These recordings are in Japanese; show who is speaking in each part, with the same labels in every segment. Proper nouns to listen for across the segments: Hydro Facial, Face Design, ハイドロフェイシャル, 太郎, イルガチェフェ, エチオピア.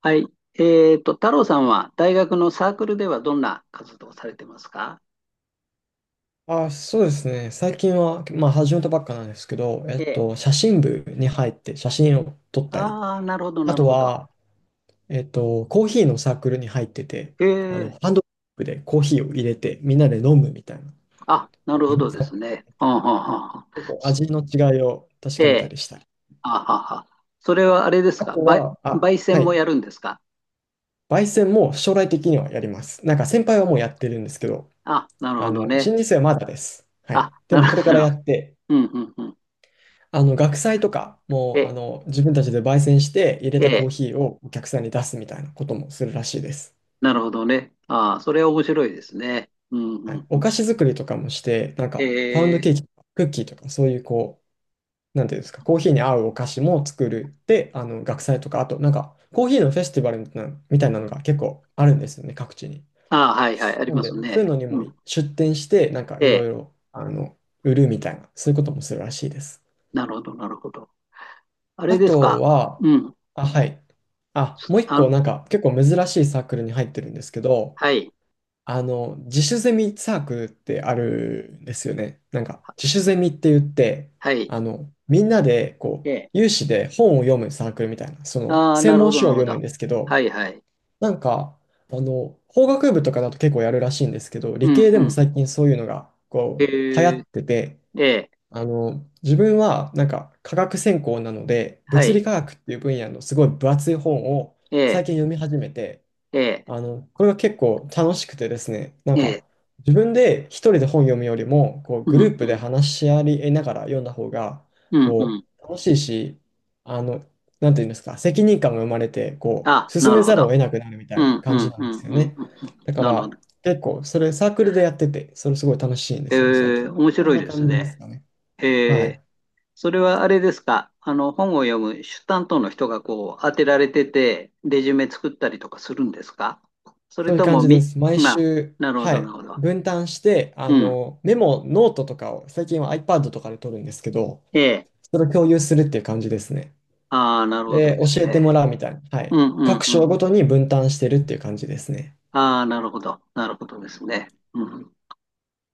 Speaker 1: はい。太郎さんは大学のサークルではどんな活動をされてますか？
Speaker 2: あ、そうですね。最近は、まあ、始めたばっかなんですけど、
Speaker 1: ええ。
Speaker 2: 写真部に入って写真を撮ったり、
Speaker 1: ああ、なるほど、
Speaker 2: あ
Speaker 1: なる
Speaker 2: と
Speaker 1: ほど。
Speaker 2: は、コーヒーのサークルに入ってて、
Speaker 1: ええ。
Speaker 2: ハンドドリップでコーヒーを入れて、みんなで飲むみたいな、
Speaker 1: あ、なるほ どで
Speaker 2: サークル
Speaker 1: す
Speaker 2: に
Speaker 1: ね。
Speaker 2: 入って
Speaker 1: はは
Speaker 2: て、
Speaker 1: はあは
Speaker 2: 結
Speaker 1: あ
Speaker 2: 構
Speaker 1: そ
Speaker 2: 味の違いを確
Speaker 1: え
Speaker 2: かめた
Speaker 1: え。
Speaker 2: りしたり。
Speaker 1: あはあはあ。それはあれです
Speaker 2: あ
Speaker 1: か
Speaker 2: と
Speaker 1: ば
Speaker 2: は、あ、
Speaker 1: 焙
Speaker 2: は
Speaker 1: 煎も
Speaker 2: い、
Speaker 1: やるんですか？
Speaker 2: 焙煎も将来的にはやります。なんか先輩はもうやってるんですけど、
Speaker 1: あ、なるほどね。
Speaker 2: 新入生はまだです。は
Speaker 1: あ、
Speaker 2: い。で
Speaker 1: なる
Speaker 2: もこれ
Speaker 1: ほ
Speaker 2: か
Speaker 1: ど。
Speaker 2: ら
Speaker 1: なるほ
Speaker 2: やって、
Speaker 1: ど。うん、うん、うん。
Speaker 2: 学祭とか、
Speaker 1: え
Speaker 2: もう、
Speaker 1: え、
Speaker 2: 自分たちで焙煎して入れた
Speaker 1: え
Speaker 2: コー
Speaker 1: え。
Speaker 2: ヒーをお客さんに出すみたいなこともするらしいです。
Speaker 1: なるほどね。ああ、それは面白いですね。うん、
Speaker 2: は
Speaker 1: うん、
Speaker 2: い。
Speaker 1: う
Speaker 2: お
Speaker 1: ん。
Speaker 2: 菓子作りとかもして、なんか、パウン
Speaker 1: え
Speaker 2: ド
Speaker 1: え。
Speaker 2: ケーキとか、クッキーとか、そういうこう、なんていうんですか、コーヒーに合うお菓子も作る。で、学祭とか、あと、なんか、コーヒーのフェスティバルみたいなのが結構あるんですよね、各地に。
Speaker 1: ああ、はい、はい。あり
Speaker 2: なん
Speaker 1: ま
Speaker 2: で、
Speaker 1: す
Speaker 2: そう
Speaker 1: ね。
Speaker 2: いうのに
Speaker 1: う
Speaker 2: も
Speaker 1: ん。
Speaker 2: 出店して、なんか、
Speaker 1: え
Speaker 2: いろ
Speaker 1: え。
Speaker 2: いろ、売るみたいな、そういうこともするらしいです。
Speaker 1: なるほど、なるほど。あれ
Speaker 2: あ
Speaker 1: です
Speaker 2: と
Speaker 1: か。
Speaker 2: は、
Speaker 1: うん。
Speaker 2: あ、はい。あ、もう一
Speaker 1: あ、
Speaker 2: 個なんか結構珍しいサークルに入ってるんですけど、
Speaker 1: はい。
Speaker 2: 自主ゼミサークルってあるんですよね。なんか自
Speaker 1: は
Speaker 2: 主ゼミって言って、
Speaker 1: はい。
Speaker 2: みんなでこ
Speaker 1: え
Speaker 2: う、
Speaker 1: え。
Speaker 2: 有志で本を読むサークルみたいな、その
Speaker 1: ああ、
Speaker 2: 専
Speaker 1: なるほ
Speaker 2: 門
Speaker 1: ど、な
Speaker 2: 書を
Speaker 1: るほ
Speaker 2: 読む
Speaker 1: ど。
Speaker 2: んですけ
Speaker 1: は
Speaker 2: ど、
Speaker 1: いはい。
Speaker 2: なんか、法学部とかだと結構やるらしいんですけど、
Speaker 1: う
Speaker 2: 理
Speaker 1: ん
Speaker 2: 系で
Speaker 1: う
Speaker 2: も
Speaker 1: ん。
Speaker 2: 最近そういうのが
Speaker 1: え
Speaker 2: こう、流行
Speaker 1: ー、
Speaker 2: ってて、
Speaker 1: ええ、
Speaker 2: 自分はなんか科学専攻なので、
Speaker 1: は
Speaker 2: 物
Speaker 1: い。
Speaker 2: 理科学っていう分野のすごい分厚い本を
Speaker 1: え
Speaker 2: 最
Speaker 1: え、
Speaker 2: 近読み始めて、
Speaker 1: ええ、
Speaker 2: これが結構楽しくてですね、なん
Speaker 1: ええ、
Speaker 2: か自分で一人で本読むよりも、こう
Speaker 1: う
Speaker 2: グル
Speaker 1: ん
Speaker 2: ー
Speaker 1: う
Speaker 2: プで
Speaker 1: ん、
Speaker 2: 話し合いながら読んだ方が、
Speaker 1: うんう
Speaker 2: こ
Speaker 1: ん。
Speaker 2: う楽しいし、あの、なんていうんですか、責任感が生まれて、こう
Speaker 1: あ、
Speaker 2: 進
Speaker 1: なる
Speaker 2: め
Speaker 1: ほ
Speaker 2: ざるを
Speaker 1: ど。
Speaker 2: 得なくなるみた
Speaker 1: う
Speaker 2: いな
Speaker 1: んう
Speaker 2: 感じ
Speaker 1: ん
Speaker 2: な
Speaker 1: う
Speaker 2: んで
Speaker 1: ん
Speaker 2: すよ
Speaker 1: うん
Speaker 2: ね。
Speaker 1: うん。うん。
Speaker 2: だか
Speaker 1: なるほど。
Speaker 2: ら結構それサークルでやってて、それすごい楽しいんで
Speaker 1: え
Speaker 2: すよね、最
Speaker 1: え、
Speaker 2: 近。
Speaker 1: 面
Speaker 2: こん
Speaker 1: 白い
Speaker 2: な
Speaker 1: です
Speaker 2: 感じです
Speaker 1: ね。
Speaker 2: かね。
Speaker 1: え
Speaker 2: は
Speaker 1: え、
Speaker 2: い。
Speaker 1: それはあれですか。本を読む主担当の人がこう、当てられてて、レジュメ作ったりとかするんですか？そ
Speaker 2: そ
Speaker 1: れ
Speaker 2: ういう
Speaker 1: と
Speaker 2: 感
Speaker 1: も
Speaker 2: じで
Speaker 1: み、
Speaker 2: す。毎
Speaker 1: まあ、
Speaker 2: 週、
Speaker 1: なるほ
Speaker 2: は
Speaker 1: ど、なる
Speaker 2: い。
Speaker 1: ほど。
Speaker 2: 分担して、
Speaker 1: うん。
Speaker 2: メモ、ノートとかを、最近は iPad とかで取るんですけど、
Speaker 1: ええ。
Speaker 2: それを共有するっていう感じですね。
Speaker 1: ああ、なるほどで
Speaker 2: で、
Speaker 1: す
Speaker 2: 教えて
Speaker 1: ね。
Speaker 2: もらうみたいな。は
Speaker 1: う
Speaker 2: い。
Speaker 1: んうん
Speaker 2: 各
Speaker 1: う
Speaker 2: 章ご
Speaker 1: ん。
Speaker 2: とに分担してるっていう感じですね。
Speaker 1: ああ、なるほど。なるほどですね。うん。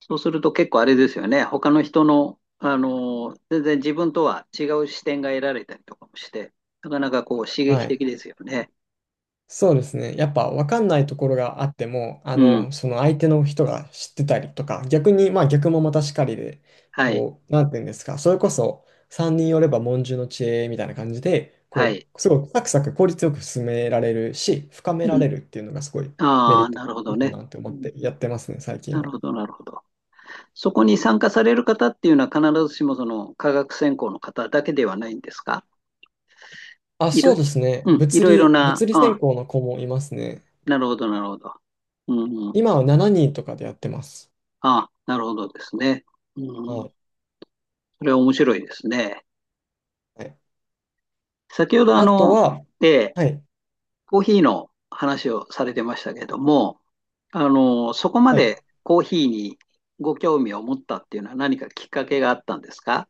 Speaker 1: そうすると結構あれですよね。他の人の、全然自分とは違う視点が得られたりとかもして、なかなかこう刺
Speaker 2: は
Speaker 1: 激
Speaker 2: い。
Speaker 1: 的ですよね。
Speaker 2: そうですね。やっぱ分かんないところがあっても、
Speaker 1: うん。
Speaker 2: その相手の人が知ってたりとか、逆に、まあ逆もまたしかりで、
Speaker 1: はい。
Speaker 2: こう、なんていうんですか、それこそ3人寄れば文殊の知恵みたいな感じで、
Speaker 1: は
Speaker 2: こ
Speaker 1: い。
Speaker 2: う、すごいサクサク効率よく進められるし、深め
Speaker 1: う
Speaker 2: ら
Speaker 1: ん。
Speaker 2: れるっていうのがすごいメリ
Speaker 1: あ
Speaker 2: ッ
Speaker 1: あ、
Speaker 2: ト、
Speaker 1: なるほ
Speaker 2: い
Speaker 1: ど
Speaker 2: いか
Speaker 1: ね。
Speaker 2: なって思
Speaker 1: う
Speaker 2: っ
Speaker 1: ん
Speaker 2: て
Speaker 1: う
Speaker 2: や
Speaker 1: ん。
Speaker 2: ってますね、最近
Speaker 1: なる
Speaker 2: は。
Speaker 1: ほど、なるほど。そこに参加される方っていうのは必ずしもその科学専攻の方だけではないんですか？
Speaker 2: あ、
Speaker 1: い
Speaker 2: そ
Speaker 1: ろ、
Speaker 2: うですね。
Speaker 1: うん、い
Speaker 2: 物
Speaker 1: ろいろ
Speaker 2: 理、
Speaker 1: な、
Speaker 2: 物理専
Speaker 1: あ、
Speaker 2: 攻の子もいますね。
Speaker 1: なるほど、なるほど。うんうん。
Speaker 2: 今は7人とかでやってます。
Speaker 1: あ、なるほどですね。
Speaker 2: は
Speaker 1: うん。
Speaker 2: い。
Speaker 1: それは面白いですね。
Speaker 2: はい、
Speaker 1: 先ほど
Speaker 2: あとは、
Speaker 1: ええ、
Speaker 2: はい。
Speaker 1: コーヒーの話をされてましたけども、そこま
Speaker 2: はい、
Speaker 1: でコーヒーにご興味を持ったっていうのは何かきっかけがあったんですか？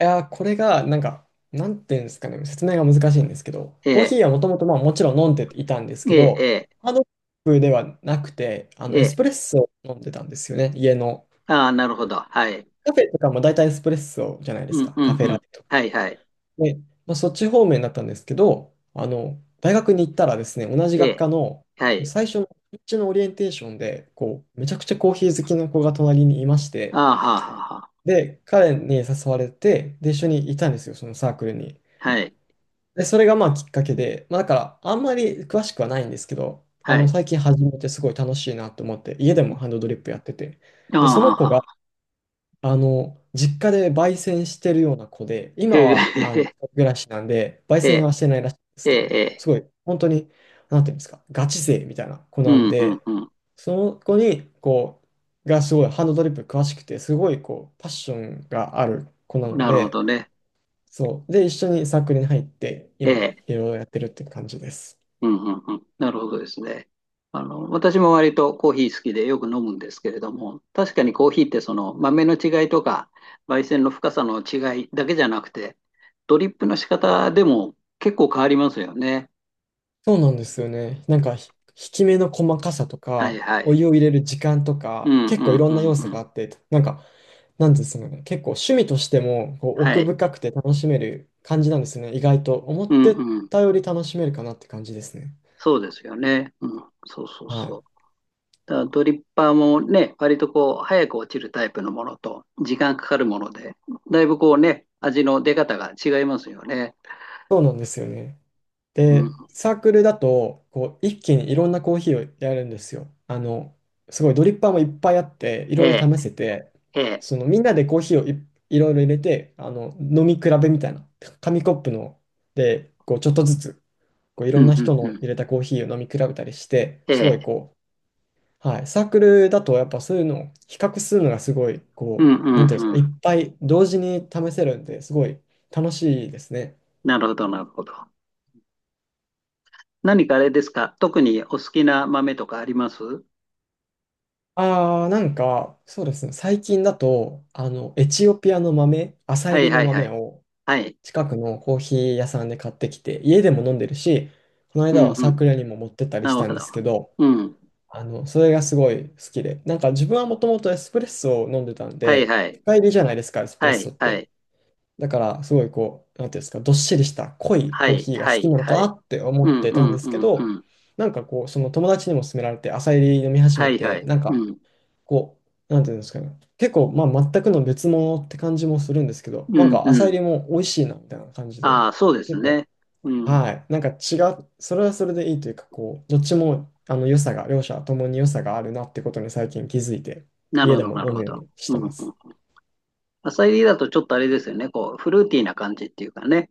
Speaker 2: いやー、これが、なんか、なんていうんですかね、説明が難しいんですけど、
Speaker 1: え
Speaker 2: コー
Speaker 1: え、
Speaker 2: ヒーはもともと、まあ、もちろん飲んでいたんです
Speaker 1: え
Speaker 2: け
Speaker 1: え、え
Speaker 2: ど、
Speaker 1: え、
Speaker 2: ハードコップではなくて、
Speaker 1: え
Speaker 2: エス
Speaker 1: え。
Speaker 2: プレッソを飲んでたんですよね、家の。
Speaker 1: ああ、なるほど。はい。
Speaker 2: カフェとかも大体エスプレッソじゃないで
Speaker 1: う
Speaker 2: す
Speaker 1: ん
Speaker 2: か、
Speaker 1: うん
Speaker 2: カフェ
Speaker 1: う
Speaker 2: ラ
Speaker 1: ん。
Speaker 2: テとか。
Speaker 1: はいはい。
Speaker 2: で、まあ、そっち方面だったんですけど、大学に行ったらですね、同じ
Speaker 1: え
Speaker 2: 学
Speaker 1: え、
Speaker 2: 科の
Speaker 1: はい。
Speaker 2: 最初の、うちのオリエンテーションで、こう、めちゃくちゃコーヒー好きな子が隣にいまし
Speaker 1: あ
Speaker 2: て、
Speaker 1: あ、はあはあはあ。
Speaker 2: で、彼に誘われて、で、一緒にいたんですよ、そのサークルに。
Speaker 1: はい。
Speaker 2: で、それがまあきっかけで、まあだからあんまり詳しくはないんですけど、あ
Speaker 1: は
Speaker 2: の
Speaker 1: い。
Speaker 2: 最近始めてすごい楽しいなと思って、家でもハンドドリップやってて、
Speaker 1: ああ、
Speaker 2: で、そ
Speaker 1: は
Speaker 2: の
Speaker 1: あ
Speaker 2: 子
Speaker 1: は
Speaker 2: が
Speaker 1: あ。
Speaker 2: あの実家で焙煎してるような子で、今
Speaker 1: へえ、
Speaker 2: はあの一
Speaker 1: え
Speaker 2: 人暮らしなんで、焙
Speaker 1: え、
Speaker 2: 煎はしてないらしいんです
Speaker 1: ええ、え
Speaker 2: けど、
Speaker 1: え。
Speaker 2: すごい本当に、なんていうんですか、ガチ勢みたいな子
Speaker 1: う
Speaker 2: なん
Speaker 1: ん、うん、
Speaker 2: で、
Speaker 1: うん。
Speaker 2: その子にこう、がすごいハンドドリップ詳しくて、すごいこう、パッションがある子なの
Speaker 1: なるほ
Speaker 2: で、
Speaker 1: どね。
Speaker 2: そう。で、一緒にサークルに入って、
Speaker 1: え
Speaker 2: 今、
Speaker 1: え。
Speaker 2: いろいろやってるって感じです。
Speaker 1: うん、うん、うん。なるほどですね。私も割とコーヒー好きでよく飲むんですけれども、確かにコーヒーってその豆の違いとか、焙煎の深さの違いだけじゃなくて、ドリップの仕方でも結構変わりますよね。
Speaker 2: そうなんですよね。なんか、引き目の細かさと
Speaker 1: はい、
Speaker 2: か、
Speaker 1: は
Speaker 2: お
Speaker 1: い。
Speaker 2: 湯を入れる時間と
Speaker 1: う
Speaker 2: か、
Speaker 1: ん、
Speaker 2: 結
Speaker 1: う
Speaker 2: 構い
Speaker 1: ん、
Speaker 2: ろ
Speaker 1: う
Speaker 2: んな
Speaker 1: ん、
Speaker 2: 要素
Speaker 1: う
Speaker 2: が
Speaker 1: ん。
Speaker 2: あって、なんか、なんですかね、結構趣味としてもこう
Speaker 1: は
Speaker 2: 奥
Speaker 1: い。
Speaker 2: 深くて楽しめる感じなんですね。意外と思っ
Speaker 1: うん、
Speaker 2: て
Speaker 1: うん。
Speaker 2: たより楽しめるかなって感じですね。
Speaker 1: そうですよね。うん、そうそう
Speaker 2: は
Speaker 1: そ
Speaker 2: い。
Speaker 1: う。だからドリッパーもね、割とこう、早く落ちるタイプのものと、時間かかるもので、だいぶこうね、味の出方が違いますよね。
Speaker 2: そうなんですよね。
Speaker 1: う
Speaker 2: で、
Speaker 1: ん、
Speaker 2: サークルだと、こう、一気にいろんなコーヒーをやるんですよ。すごいドリッパーもいっぱいあって、い
Speaker 1: え
Speaker 2: ろい
Speaker 1: え、
Speaker 2: ろ試せて、
Speaker 1: ええ、
Speaker 2: そのみんなでコーヒーをいろいろ入れて、飲み比べみたいな、紙コップので、こう、ちょっとずつ、こう、い
Speaker 1: う
Speaker 2: ろん
Speaker 1: ん
Speaker 2: な
Speaker 1: うん
Speaker 2: 人
Speaker 1: う
Speaker 2: の
Speaker 1: ん、
Speaker 2: 入れたコーヒーを飲み比べたりして、
Speaker 1: え
Speaker 2: すご
Speaker 1: え、
Speaker 2: いこう、はい、サークルだとやっぱそういうのを比較するのがすごい、
Speaker 1: う
Speaker 2: こ
Speaker 1: んう
Speaker 2: う、
Speaker 1: ん
Speaker 2: なんていうんです
Speaker 1: う
Speaker 2: か、いっ
Speaker 1: ん。
Speaker 2: ぱい同時に試せるんで、すごい楽しいですね。
Speaker 1: なるほど、なるほど。何かあれですか、特にお好きな豆とかありますは？
Speaker 2: ああ、なんか、そうですね。最近だと、エチオピアの豆、朝
Speaker 1: いは
Speaker 2: 入
Speaker 1: い
Speaker 2: り
Speaker 1: は
Speaker 2: の豆
Speaker 1: い。
Speaker 2: を
Speaker 1: はい。
Speaker 2: 近くのコーヒー屋さんで買ってきて、家でも飲んでるし、この
Speaker 1: う
Speaker 2: 間
Speaker 1: ん
Speaker 2: は
Speaker 1: う
Speaker 2: サー
Speaker 1: ん。
Speaker 2: クルにも持ってったり
Speaker 1: な
Speaker 2: し
Speaker 1: るほ
Speaker 2: たんで
Speaker 1: ど。
Speaker 2: すけど、
Speaker 1: うん。
Speaker 2: それがすごい好きで、なんか自分はもともとエスプレッソを飲んでたん
Speaker 1: はい
Speaker 2: で、
Speaker 1: はい。
Speaker 2: 深入りじゃないですか、エスプレッ
Speaker 1: は
Speaker 2: ソ
Speaker 1: い
Speaker 2: っ
Speaker 1: は
Speaker 2: て。
Speaker 1: い。
Speaker 2: だから、すごいこう、なんていうんですか、どっしりした濃い
Speaker 1: は
Speaker 2: コー
Speaker 1: い
Speaker 2: ヒーが
Speaker 1: は
Speaker 2: 好き
Speaker 1: い
Speaker 2: なのか
Speaker 1: は
Speaker 2: な
Speaker 1: い。
Speaker 2: って思
Speaker 1: う
Speaker 2: っ
Speaker 1: ん
Speaker 2: て
Speaker 1: う
Speaker 2: たんで
Speaker 1: ん
Speaker 2: す
Speaker 1: う
Speaker 2: け
Speaker 1: んう
Speaker 2: ど、
Speaker 1: ん。
Speaker 2: なんかこう、その友達にも勧められて、朝入り飲み始
Speaker 1: は
Speaker 2: め
Speaker 1: いは
Speaker 2: て、
Speaker 1: い。
Speaker 2: なん
Speaker 1: う
Speaker 2: か、
Speaker 1: ん。
Speaker 2: こう、なんていうんですかね。結構、まあ、全くの別物って感じもするんですけど、
Speaker 1: う
Speaker 2: なん
Speaker 1: ん
Speaker 2: か浅
Speaker 1: う
Speaker 2: 入
Speaker 1: ん。
Speaker 2: りも美味しいな、みたいな感じで、
Speaker 1: ああ、そうです
Speaker 2: 結構、
Speaker 1: ね。うん。
Speaker 2: はい。なんか違う、それはそれでいいというか、こう、どっちも、良さが、両者ともに良さがあるなってことに最近気づいて、
Speaker 1: なる
Speaker 2: 家
Speaker 1: ほ
Speaker 2: で
Speaker 1: ど、
Speaker 2: も
Speaker 1: なる
Speaker 2: 飲
Speaker 1: ほ
Speaker 2: むよう
Speaker 1: ど。
Speaker 2: にし
Speaker 1: う
Speaker 2: て
Speaker 1: んう
Speaker 2: ます。
Speaker 1: ん。浅煎りだとちょっとあれですよね。こう、フルーティーな感じっていうかね。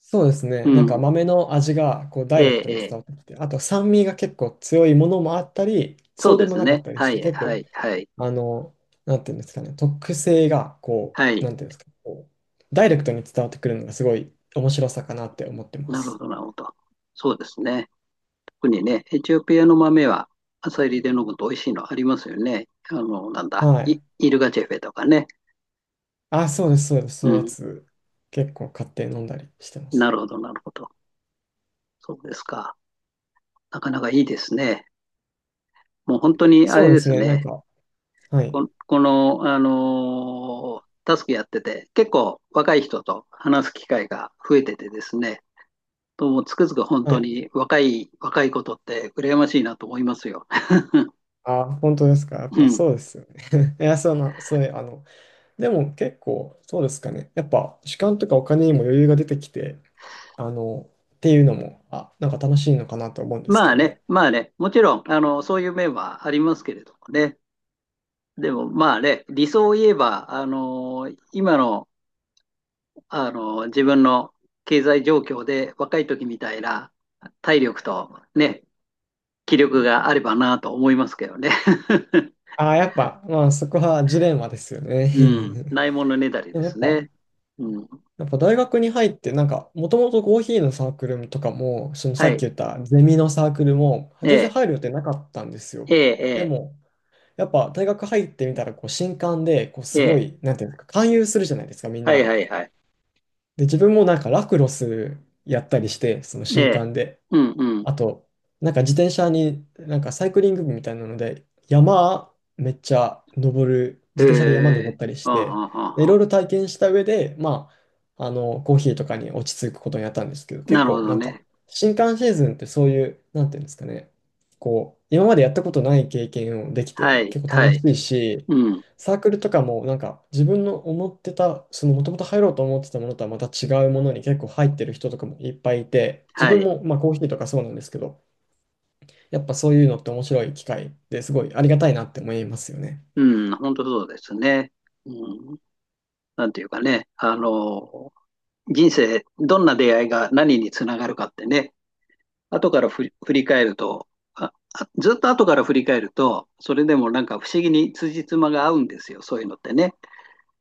Speaker 2: そうですね。
Speaker 1: う
Speaker 2: なんか
Speaker 1: ん。
Speaker 2: 豆の味がこうダ
Speaker 1: え
Speaker 2: イレク
Speaker 1: え、
Speaker 2: トに
Speaker 1: え
Speaker 2: 伝
Speaker 1: え。
Speaker 2: わってきて、あと酸味が結構強いものもあったり、
Speaker 1: そ
Speaker 2: そ
Speaker 1: う
Speaker 2: うで
Speaker 1: で
Speaker 2: も
Speaker 1: す
Speaker 2: なかっ
Speaker 1: ね。
Speaker 2: たり
Speaker 1: は
Speaker 2: して、
Speaker 1: い、
Speaker 2: 結
Speaker 1: は
Speaker 2: 構
Speaker 1: い、はい。
Speaker 2: あの、なんていうんですかね、特性が、こ
Speaker 1: は
Speaker 2: う、
Speaker 1: い。
Speaker 2: なんていうんですか、こう、ダイレクトに伝わってくるのがすごい面白さかなって思ってま
Speaker 1: なるほ
Speaker 2: す。
Speaker 1: ど、なるほど。そうですね。特にね、エチオピアの豆は朝煎りで飲むと美味しいのありますよね。なんだ、
Speaker 2: は
Speaker 1: イ、
Speaker 2: い。
Speaker 1: イルガチェフェとかね。
Speaker 2: あ、そうです、そうです、
Speaker 1: う
Speaker 2: そういうや
Speaker 1: ん。
Speaker 2: つ、結構買って飲んだりしてま
Speaker 1: な
Speaker 2: す。
Speaker 1: るほど、なるほど。そうですか。なかなかいいですね。もう本当にあ
Speaker 2: そ
Speaker 1: れ
Speaker 2: うで
Speaker 1: で
Speaker 2: す
Speaker 1: す
Speaker 2: ね、な
Speaker 1: ね。
Speaker 2: んか、はい、
Speaker 1: こ、この、あのータスクやってて、結構若い人と話す機会が増えててですね、ともつくづく本
Speaker 2: は
Speaker 1: 当
Speaker 2: い。
Speaker 1: に若い、若いことって羨ましいなと思いますよ。
Speaker 2: あ、本当ですか、やっ
Speaker 1: う
Speaker 2: ぱ
Speaker 1: ん。
Speaker 2: そうですよね。いや、そういう、でも結構、そうですかね、やっぱ、時間とかお金にも余裕が出てきて、あの、っていうのも、あ、なんか楽しいのかなと思うんですけ
Speaker 1: まあ
Speaker 2: ど
Speaker 1: ね、
Speaker 2: ね。
Speaker 1: まあね、もちろん、そういう面はありますけれどもね。でもまあね、理想を言えば、あの今の、あの自分の経済状況で若い時みたいな体力とね、気力があればなと思いますけどね。
Speaker 2: ああ、やっぱ、まあそこはジレンマですよね。
Speaker 1: うん。ないものねだ り
Speaker 2: で
Speaker 1: で
Speaker 2: もや
Speaker 1: す
Speaker 2: っぱ、
Speaker 1: ね。うん。
Speaker 2: やっぱ大学に入って、なんか、もともとコーヒーのサークルとかも、そのさ
Speaker 1: は
Speaker 2: っき
Speaker 1: い。
Speaker 2: 言ったゼミのサークルも、
Speaker 1: え
Speaker 2: 全然
Speaker 1: え、
Speaker 2: 入る予定なかったんですよ。
Speaker 1: え
Speaker 2: で
Speaker 1: え、
Speaker 2: も、やっぱ大学入ってみたら、こう、新歓で、こう、
Speaker 1: え
Speaker 2: す
Speaker 1: え、え
Speaker 2: ご
Speaker 1: え。
Speaker 2: い、なんていうのか、勧誘するじゃないですか、みん
Speaker 1: はい
Speaker 2: な。
Speaker 1: はいはい。
Speaker 2: で、自分もなんか、ラクロスやったりして、その
Speaker 1: え
Speaker 2: 新
Speaker 1: え。
Speaker 2: 歓で。
Speaker 1: うんうん。
Speaker 2: あと、なんか自転車に、なんかサイクリング部みたいなので、山めっちゃ登る、
Speaker 1: へ
Speaker 2: 自転車で山登っ
Speaker 1: え。
Speaker 2: たりし
Speaker 1: あ
Speaker 2: て、でい
Speaker 1: あ
Speaker 2: ろい
Speaker 1: あ
Speaker 2: ろ体験した上で、まあ、コーヒーとかに落ち着くことになったんですけど、
Speaker 1: あ、
Speaker 2: 結
Speaker 1: なるほ
Speaker 2: 構
Speaker 1: ど
Speaker 2: なんか、
Speaker 1: ね。
Speaker 2: 新刊シーズンってそういう、なんていうんですかね、こう、今までやったことない経験をでき
Speaker 1: は
Speaker 2: て、
Speaker 1: い、
Speaker 2: 結構
Speaker 1: は
Speaker 2: 楽
Speaker 1: い。
Speaker 2: しいし、
Speaker 1: うん。
Speaker 2: サークルとかもなんか自分の思ってた、そのもともと入ろうと思ってたものとはまた違うものに結構入ってる人とかもいっぱいいて、自
Speaker 1: は
Speaker 2: 分
Speaker 1: い。
Speaker 2: もまあコーヒーとかそうなんですけど、やっぱそういうのって面白い機会ですごいありがたいなって思いますよね。
Speaker 1: うん。本当そうですね。うん。なんていうかね。人生、どんな出会いが何につながるかってね。後から振り返ると、ずっと後から振り返ると、それでもなんか不思議に辻褄が合うんですよ。そういうのってね。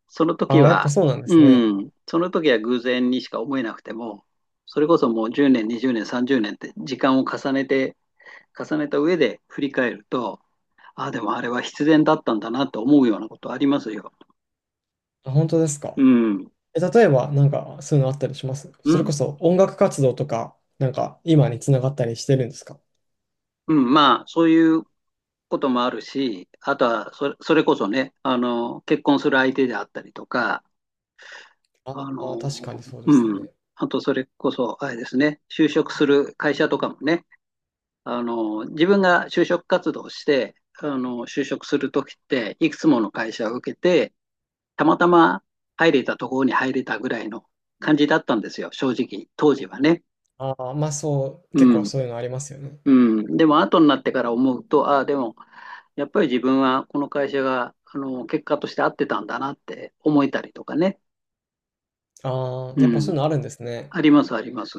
Speaker 1: その時
Speaker 2: ああ、やっぱ
Speaker 1: は、
Speaker 2: そうなんですね。
Speaker 1: うん、その時は偶然にしか思えなくても、それこそもう10年、20年、30年って時間を重ねて、重ねた上で振り返ると、ああ、でもあれは必然だったんだなと思うようなことありますよ。
Speaker 2: あ、本当ですか。
Speaker 1: うん。
Speaker 2: え、例えば、なんか、そういうのあったりします、
Speaker 1: う
Speaker 2: それこ
Speaker 1: ん。
Speaker 2: そ音楽活動とか、なんか、今につながったりしてるんですか？
Speaker 1: うん。まあ、そういうこともあるし、あとはそれ、それこそね、結婚する相手であったりとか、
Speaker 2: あ
Speaker 1: あ
Speaker 2: あー、確かに
Speaker 1: の、
Speaker 2: そうです
Speaker 1: うん。
Speaker 2: ね。
Speaker 1: あと、それこそ、あれですね、就職する会社とかもね、自分が就職活動して、就職するときって、いくつもの会社を受けて、たまたま入れたところに入れたぐらいの感じだったんですよ、正直、当時はね。
Speaker 2: ああ、まあそう、結構
Speaker 1: うん。
Speaker 2: そういうのありますよね。
Speaker 1: うん。でも、後になってから思うと、ああ、でも、やっぱり自分はこの会社が、結果として合ってたんだなって思えたりとかね。
Speaker 2: ああ、やっぱ
Speaker 1: う
Speaker 2: そ
Speaker 1: ん。
Speaker 2: ういうのあるんですね。
Speaker 1: あります、あります。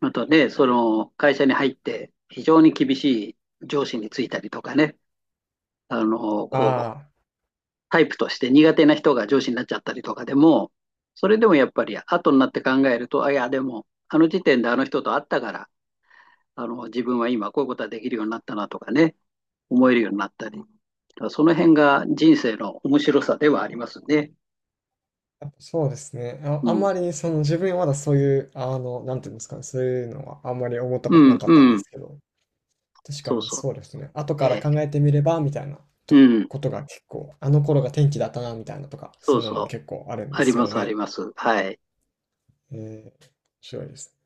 Speaker 1: またね、その、会社に入って、非常に厳しい上司についたりとかね。あの、こう、
Speaker 2: ああ、
Speaker 1: タイプとして苦手な人が上司になっちゃったりとかでも、それでもやっぱり後になって考えると、あ、いや、でも、あの時点であの人と会ったから、自分は今こういうことができるようになったなとかね、思えるようになったり。その辺が人生の面白さではありますね。
Speaker 2: やっぱそうですね。あ、
Speaker 1: う
Speaker 2: あん
Speaker 1: ん。
Speaker 2: まりその自分はまだそういう、なんていうんですかね、そういうのはあんまり思った
Speaker 1: う
Speaker 2: ことな
Speaker 1: ん、
Speaker 2: かっ
Speaker 1: う
Speaker 2: たんで
Speaker 1: ん。
Speaker 2: すけど、確か
Speaker 1: そう
Speaker 2: に
Speaker 1: そ
Speaker 2: そうですね。後
Speaker 1: う。
Speaker 2: か
Speaker 1: え
Speaker 2: ら考
Speaker 1: え
Speaker 2: えてみれば、みたいなと
Speaker 1: うん。
Speaker 2: ことが結構、あの頃が天気だったな、みたいなとか、そ
Speaker 1: そ
Speaker 2: う
Speaker 1: う
Speaker 2: いうのも
Speaker 1: そう。
Speaker 2: 結構あるんで
Speaker 1: あり
Speaker 2: す
Speaker 1: ま
Speaker 2: よ
Speaker 1: す、あり
Speaker 2: ね。
Speaker 1: ます。はい。
Speaker 2: えー、面白いです。